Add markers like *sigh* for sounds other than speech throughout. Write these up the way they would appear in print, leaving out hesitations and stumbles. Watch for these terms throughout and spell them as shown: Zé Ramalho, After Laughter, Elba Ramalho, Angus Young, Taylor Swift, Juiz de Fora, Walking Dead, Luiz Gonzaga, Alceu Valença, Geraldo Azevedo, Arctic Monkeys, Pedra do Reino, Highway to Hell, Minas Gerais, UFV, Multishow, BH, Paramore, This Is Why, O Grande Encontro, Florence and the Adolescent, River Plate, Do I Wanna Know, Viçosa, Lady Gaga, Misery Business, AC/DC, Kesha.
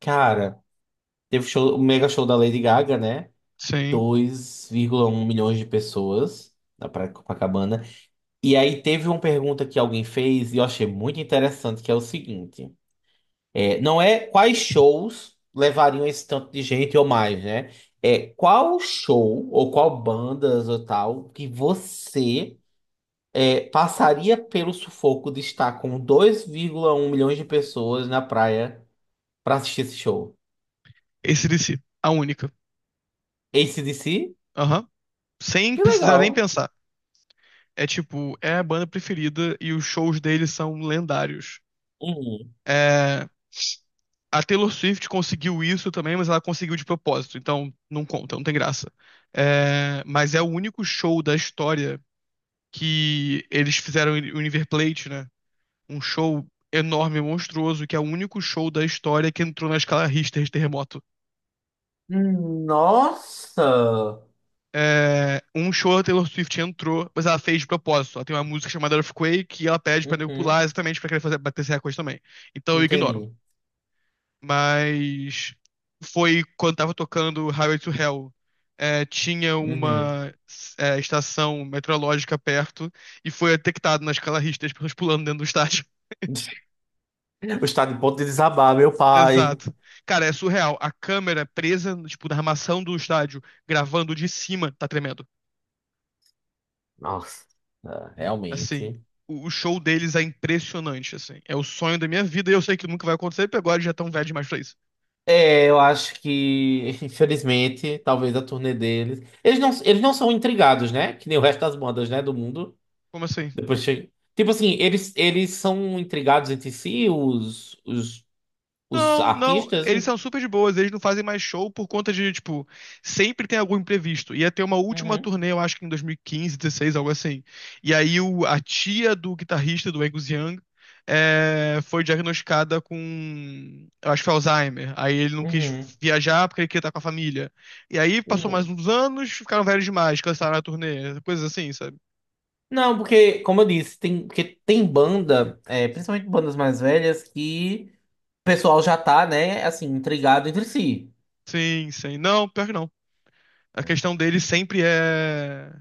Cara, teve o show, o mega show da Lady Gaga, né? Sim. 2,1 milhões de pessoas na Praia de Copacabana. E aí teve uma pergunta que alguém fez e eu achei muito interessante, que é o seguinte. É, não é quais shows levariam esse tanto de gente ou mais, né? É qual show ou qual bandas ou tal que você passaria pelo sufoco de estar com 2,1 milhões de pessoas na praia pra assistir esse show? AC/DC, a única. AC/DC? Aham. Sem Que precisar legal. nem pensar. É a banda preferida e os shows deles são lendários. Hum. É, a Taylor Swift conseguiu isso também, mas ela conseguiu de propósito, então não conta, não tem graça. É, mas é o único show da história que eles fizeram o River Plate, né? Um show enorme, monstruoso, que é o único show da história que entrou na escala Richter de terremoto. Nossa! É, um show da Taylor Swift entrou, mas ela fez de propósito. Ela tem uma música chamada Earthquake e ela pede pra nego Uhum. pular exatamente pra querer fazer, bater esse recorde também. Então eu ignoro. Entendi. Mas foi quando tava tocando Highway to Hell. Tinha Uhum. uma estação meteorológica perto e foi detectado na escala Richter as pessoas pulando dentro do estádio. *laughs* O estado de ponto de desabar, meu *laughs* pai. Exato. Cara, é surreal. A câmera presa, tipo, na armação do estádio, gravando de cima, tá tremendo. Nossa, Assim, realmente. o show deles é impressionante, assim. É o sonho da minha vida e eu sei que nunca vai acontecer, porque agora eles já tão velhos demais pra isso. É, eu acho que, *laughs* infelizmente, talvez a turnê deles. Eles não são intrigados, né? Que nem o resto das bandas, né? Do mundo. Como assim? Depois chega. Tipo assim, eles são intrigados entre si, os Não, não, artistas. eles são super de boas, eles não fazem mais show por conta de, tipo, sempre tem algum imprevisto. Ia ter uma última Uhum. turnê, eu acho que em 2015, 16, algo assim. E aí o, a tia do guitarrista do Angus Young foi diagnosticada com, eu acho que foi Alzheimer. Aí ele não quis Uhum. viajar porque ele queria estar com a família. E aí passou mais Uhum. uns anos, ficaram velhos demais, cancelaram a turnê, coisas assim, sabe? Não, porque, como eu disse, porque tem banda, principalmente bandas mais velhas, que o pessoal já tá, né, assim, intrigado entre si. Sim, sim. Não, pior que não. A questão deles sempre é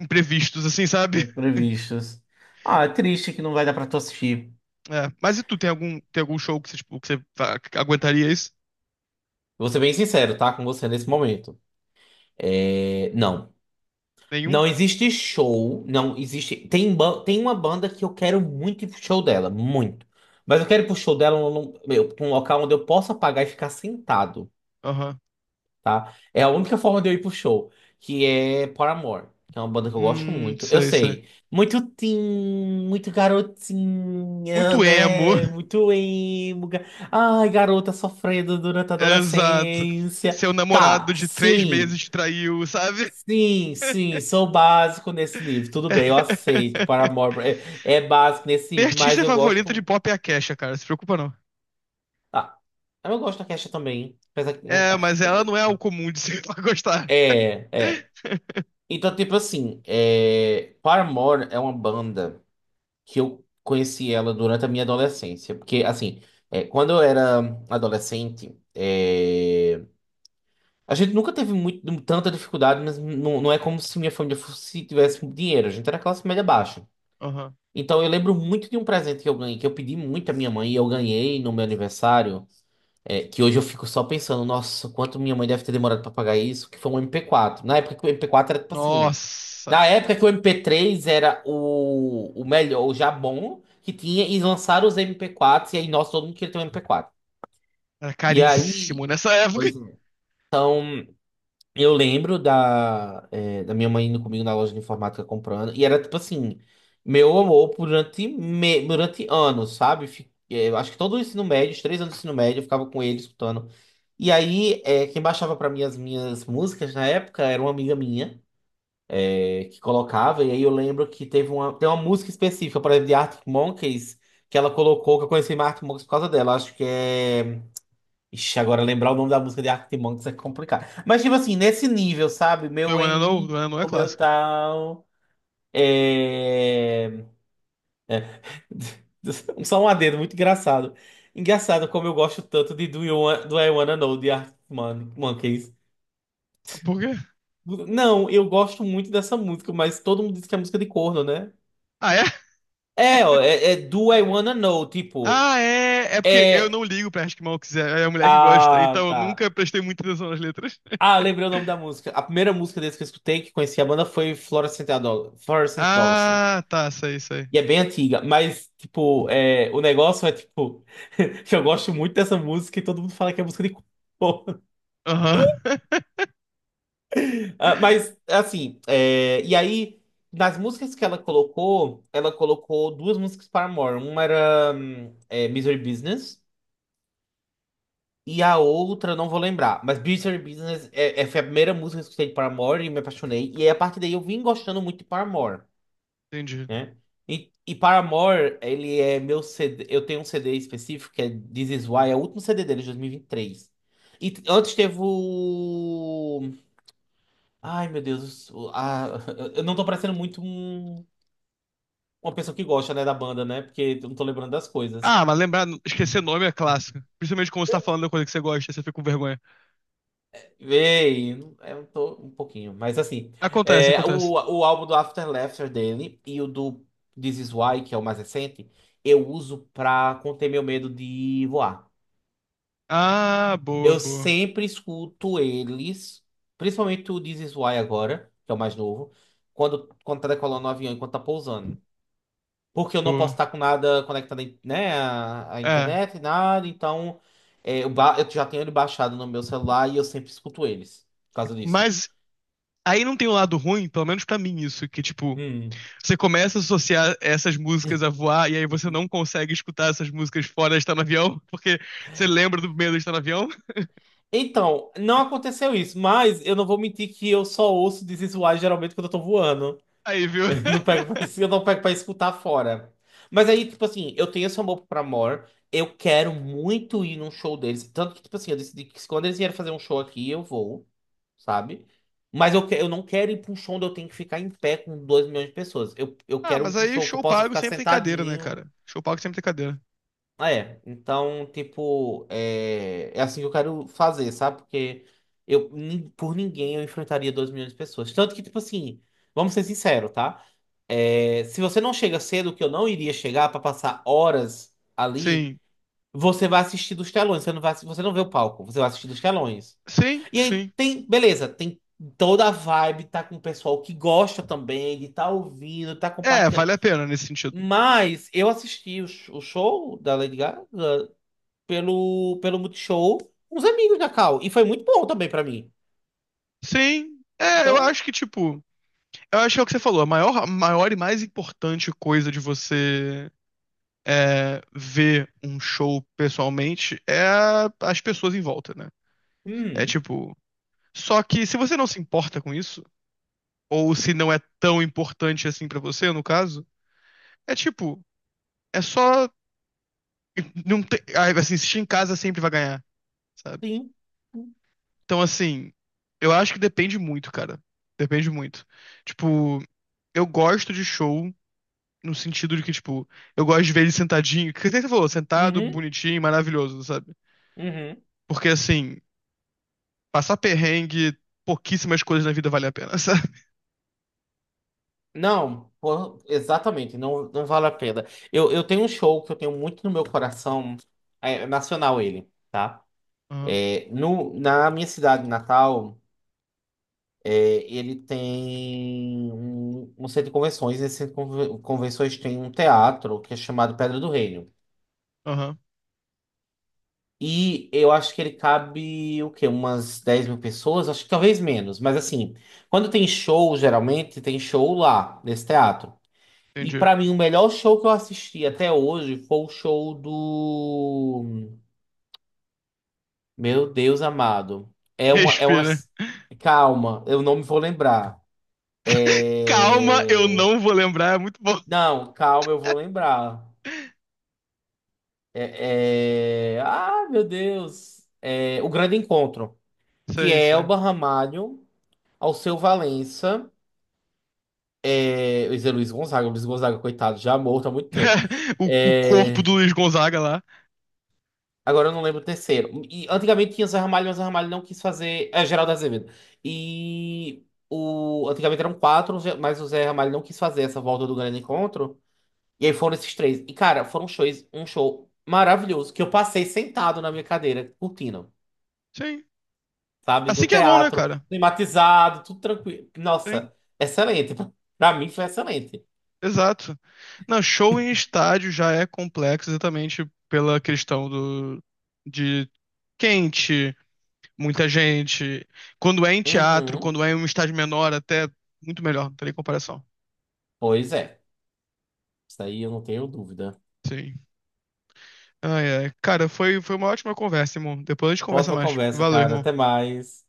imprevistos, assim, sabe? Imprevistos. Ah, é triste que não vai dar pra tu assistir. É, mas e tu, tem algum show que você, tipo, que você que aguentaria isso? Vou ser bem sincero, tá? Com você nesse momento. É, não. Não Nenhum? existe show, não existe. Tem uma banda que eu quero muito ir pro show dela, muito. Mas eu quero ir pro show dela pra um local onde eu possa pagar e ficar sentado. Aham. Tá? É a única forma de eu ir pro show, que é Paramore, que é uma banda que eu gosto muito. Eu Sei, sei. sei, muito teen, muito garotinha, Muito emo. né? *laughs* Muito emo. Ai, garota sofrendo durante a Exato. adolescência. Seu namorado Tá, de três sim. meses te traiu, sabe? Sim, sim, sou básico nesse nível. Tudo bem, eu aceito. *laughs* Paramore é básico nesse Minha nível, mas artista eu favorita de gosto. pop é a Kesha, cara. Se preocupa não. Ah, eu gosto da Kesha também. Apesar que, né? É, mas ela não é o comum de se *laughs* pra gostar. É, é. Então, tipo assim, Paramore é uma banda que eu conheci ela durante a minha adolescência. Porque, assim, quando eu era adolescente, a gente nunca teve muito, tanta dificuldade, mas não é como se minha família tivesse dinheiro. A gente era classe média baixa. Aham. Então, eu lembro muito de um presente que eu ganhei, que eu pedi muito à minha mãe e eu ganhei no meu aniversário. Que hoje eu fico só pensando, nossa, quanto minha mãe deve ter demorado pra pagar isso, que foi um MP4. Na época que o MP4 era tipo assim. Nossa. Na época que o MP3 era o melhor, o já bom que tinha, e lançaram os MP4, e aí, nossa, todo mundo queria ter um MP4. Era E aí. caríssimo nessa época. Pois é. Eu lembro da minha mãe indo comigo na loja de informática comprando. E era tipo assim, meu amor durante anos, sabe? Eu acho que todo o ensino médio, os 3 anos do ensino médio, eu ficava com ele escutando. E aí, quem baixava pra mim as minhas músicas na época era uma amiga minha, que colocava. E aí eu lembro que tem uma música específica, por exemplo, de Arctic Monkeys, que ela colocou, que eu conheci mais Arctic Monkeys por causa dela. Acho que é. Ixi, agora lembrar o nome da música de Arctic Monkeys é complicado. Mas, tipo assim, nesse nível, sabe? Do I Meu Wanna Know? M, Do I Wanna Know é o meu clássico. tal. É. *laughs* Só um adendo, muito engraçado. Engraçado como eu gosto tanto de Do I Wanna Know de Arctic Monkeys. Ah, por quê? Não, eu gosto muito dessa música, mas todo mundo diz que é música de corno, né? Ah, é? É, ó, é Do I Wanna Know, tipo. Ah, é! É porque eu É. não ligo pra Acho que Mal Quiser. É a mulher que gosta. Ah, Então eu tá. nunca prestei muita atenção nas letras. *laughs* Ah, eu lembrei o nome da música. A primeira música deles que eu escutei, que conheci a banda, foi Florence and the Adolescent. Ah, tá, sei, sei. E é bem antiga, mas, tipo, o negócio é, tipo, *laughs* que eu gosto muito dessa música e todo mundo fala que é música de corno. *laughs* Aham. Ah, mas, *laughs* assim, e aí, nas músicas que ela colocou duas músicas para Paramore. Uma era Misery Business e a outra, eu não vou lembrar. Mas Misery Business foi a primeira música que eu escutei de Paramore e me apaixonei. E aí, a partir daí, eu vim gostando muito de Paramore, Entendi. né? E Paramore, ele é meu CD. Eu tenho um CD específico que é This Is Why, é o último CD dele, de 2023. Antes teve o. Ai, meu Deus. *laughs* Eu não tô parecendo muito uma pessoa que gosta, né, da banda, né? Porque eu não tô lembrando das coisas. Ah, mas lembrar, esquecer nome é clássico. Principalmente quando você tá falando da coisa que você gosta, você fica com vergonha. Ei, eu tô um pouquinho, mas assim, Acontece, o, acontece. o álbum do After Laughter dele e o do This Is Why, que é o mais recente, eu uso pra conter meu medo de voar. Ah, boa, Eu boa, sempre escuto eles, principalmente o This Is Why agora, que é o mais novo, quando tá decolando o avião, enquanto tá pousando. Porque eu não posso boa. estar com nada conectado, né, à É. internet, nada, então eu já tenho ele baixado no meu celular e eu sempre escuto eles, por causa disso. Mas aí não tem o lado ruim, pelo menos pra mim, isso, que tipo. Hum. Você começa a associar essas músicas a voar, e aí você não consegue escutar essas músicas fora de estar no avião, *laughs* porque você lembra do medo de estar no avião. Então, não aconteceu isso, mas eu não vou mentir que eu só ouço This Is Why geralmente quando eu tô voando. Aí, viu? *laughs* Eu não pego, pra- *laughs* *laughs* Eu não pego pra escutar fora. Mas aí, tipo assim, eu tenho esse amor pra Amor. Eu quero muito ir num show deles. Tanto que, tipo assim, eu decidi que quando eles vierem fazer um show aqui, eu vou, sabe? Mas eu não quero ir pra um show onde eu tenho que ficar em pé com 2 milhões de pessoas. Eu Ah, quero mas um aí show que eu show possa pago ficar sempre tem cadeira, né, sentadinho. cara? Show pago sempre tem cadeira. Ah, é. Então, tipo, é assim que eu quero fazer, sabe? Porque por ninguém eu enfrentaria 2 milhões de pessoas. Tanto que, tipo assim, vamos ser sinceros, tá? É, se você não chega cedo, que eu não iria chegar para passar horas ali, Sim, você vai assistir dos telões, você não vê o palco, você vai assistir dos telões. sim, E aí sim. tem, beleza, tem toda a vibe, tá com o pessoal que gosta também, de tá ouvindo, tá É, compartilhando. vale a pena nesse sentido. Mas eu assisti o show da Lady Gaga pelo Multishow com os amigos da Cal, e foi muito bom também para mim. Sim, é, eu Então, acho que, tipo, eu acho que é o que você falou, a maior e mais importante coisa de você é, ver um show pessoalmente é as pessoas em volta, né? É hum, tipo, só que se você não se importa com isso, ou se não é tão importante assim pra você, no caso, é tipo, é só não tem, ah, assim, assistir em casa sempre vai ganhar, sabe? sim, Então assim, eu acho que depende muito, cara. Depende muito. Tipo, eu gosto de show no sentido de que, tipo, eu gosto de ver ele sentadinho, que nem você falou, sentado, uhum, bonitinho, maravilhoso, sabe? uhum. Porque assim, passar perrengue, pouquíssimas coisas na vida vale a pena, *laughs* sabe? Não, pô, exatamente, não, não vale a pena. Eu tenho um show que eu tenho muito no meu coração, é nacional ele, tá? Aham, É, no, na minha cidade natal, é, ele tem um, centro de convenções. Nesse centro de convenções tem um teatro que é chamado Pedra do Reino. aham, E eu acho que ele cabe, o quê? Umas 10 mil pessoas, acho que talvez menos, mas assim, quando tem show, geralmente tem show lá, nesse teatro. E entendi. pra mim, o melhor show que eu assisti até hoje foi o show do. Meu Deus amado. É uma. É uma... Respira. Calma, eu não me vou lembrar. Calma, eu É... não vou lembrar, é muito bom. Não, calma, eu vou lembrar. É... Ah, meu Deus. É... O Grande Encontro, Isso que é isso aí. Elba Ramalho, Alceu Valença, Zé Luiz Gonzaga. Luiz Gonzaga, coitado, já morto há muito tempo. *laughs* O, o corpo É... do Luiz Gonzaga lá. Agora eu não lembro o terceiro. E antigamente tinha Zé Ramalho, mas Zé Ramalho não quis fazer. É, Geraldo Azevedo. Antigamente eram quatro, mas o Zé Ramalho não quis fazer essa volta do grande encontro. E aí foram esses três. E, cara, um show maravilhoso, que eu passei sentado na minha cadeira, curtindo, Sim. sabe? Assim No que é bom, né, teatro, cara? climatizado, tudo tranquilo. Sim, Nossa, excelente. *laughs* Pra mim foi excelente. exato. Não, show em estádio já é complexo exatamente pela questão do, de quente, muita gente. Quando é em teatro, Uhum. quando é em um estádio menor, até muito melhor, não tem nem comparação. Pois é. Isso aí eu não tenho dúvida. Sim. Ai, ai. Cara, foi uma ótima conversa, irmão. Depois a gente conversa Ótima mais. conversa, Valeu, cara. irmão. Até mais.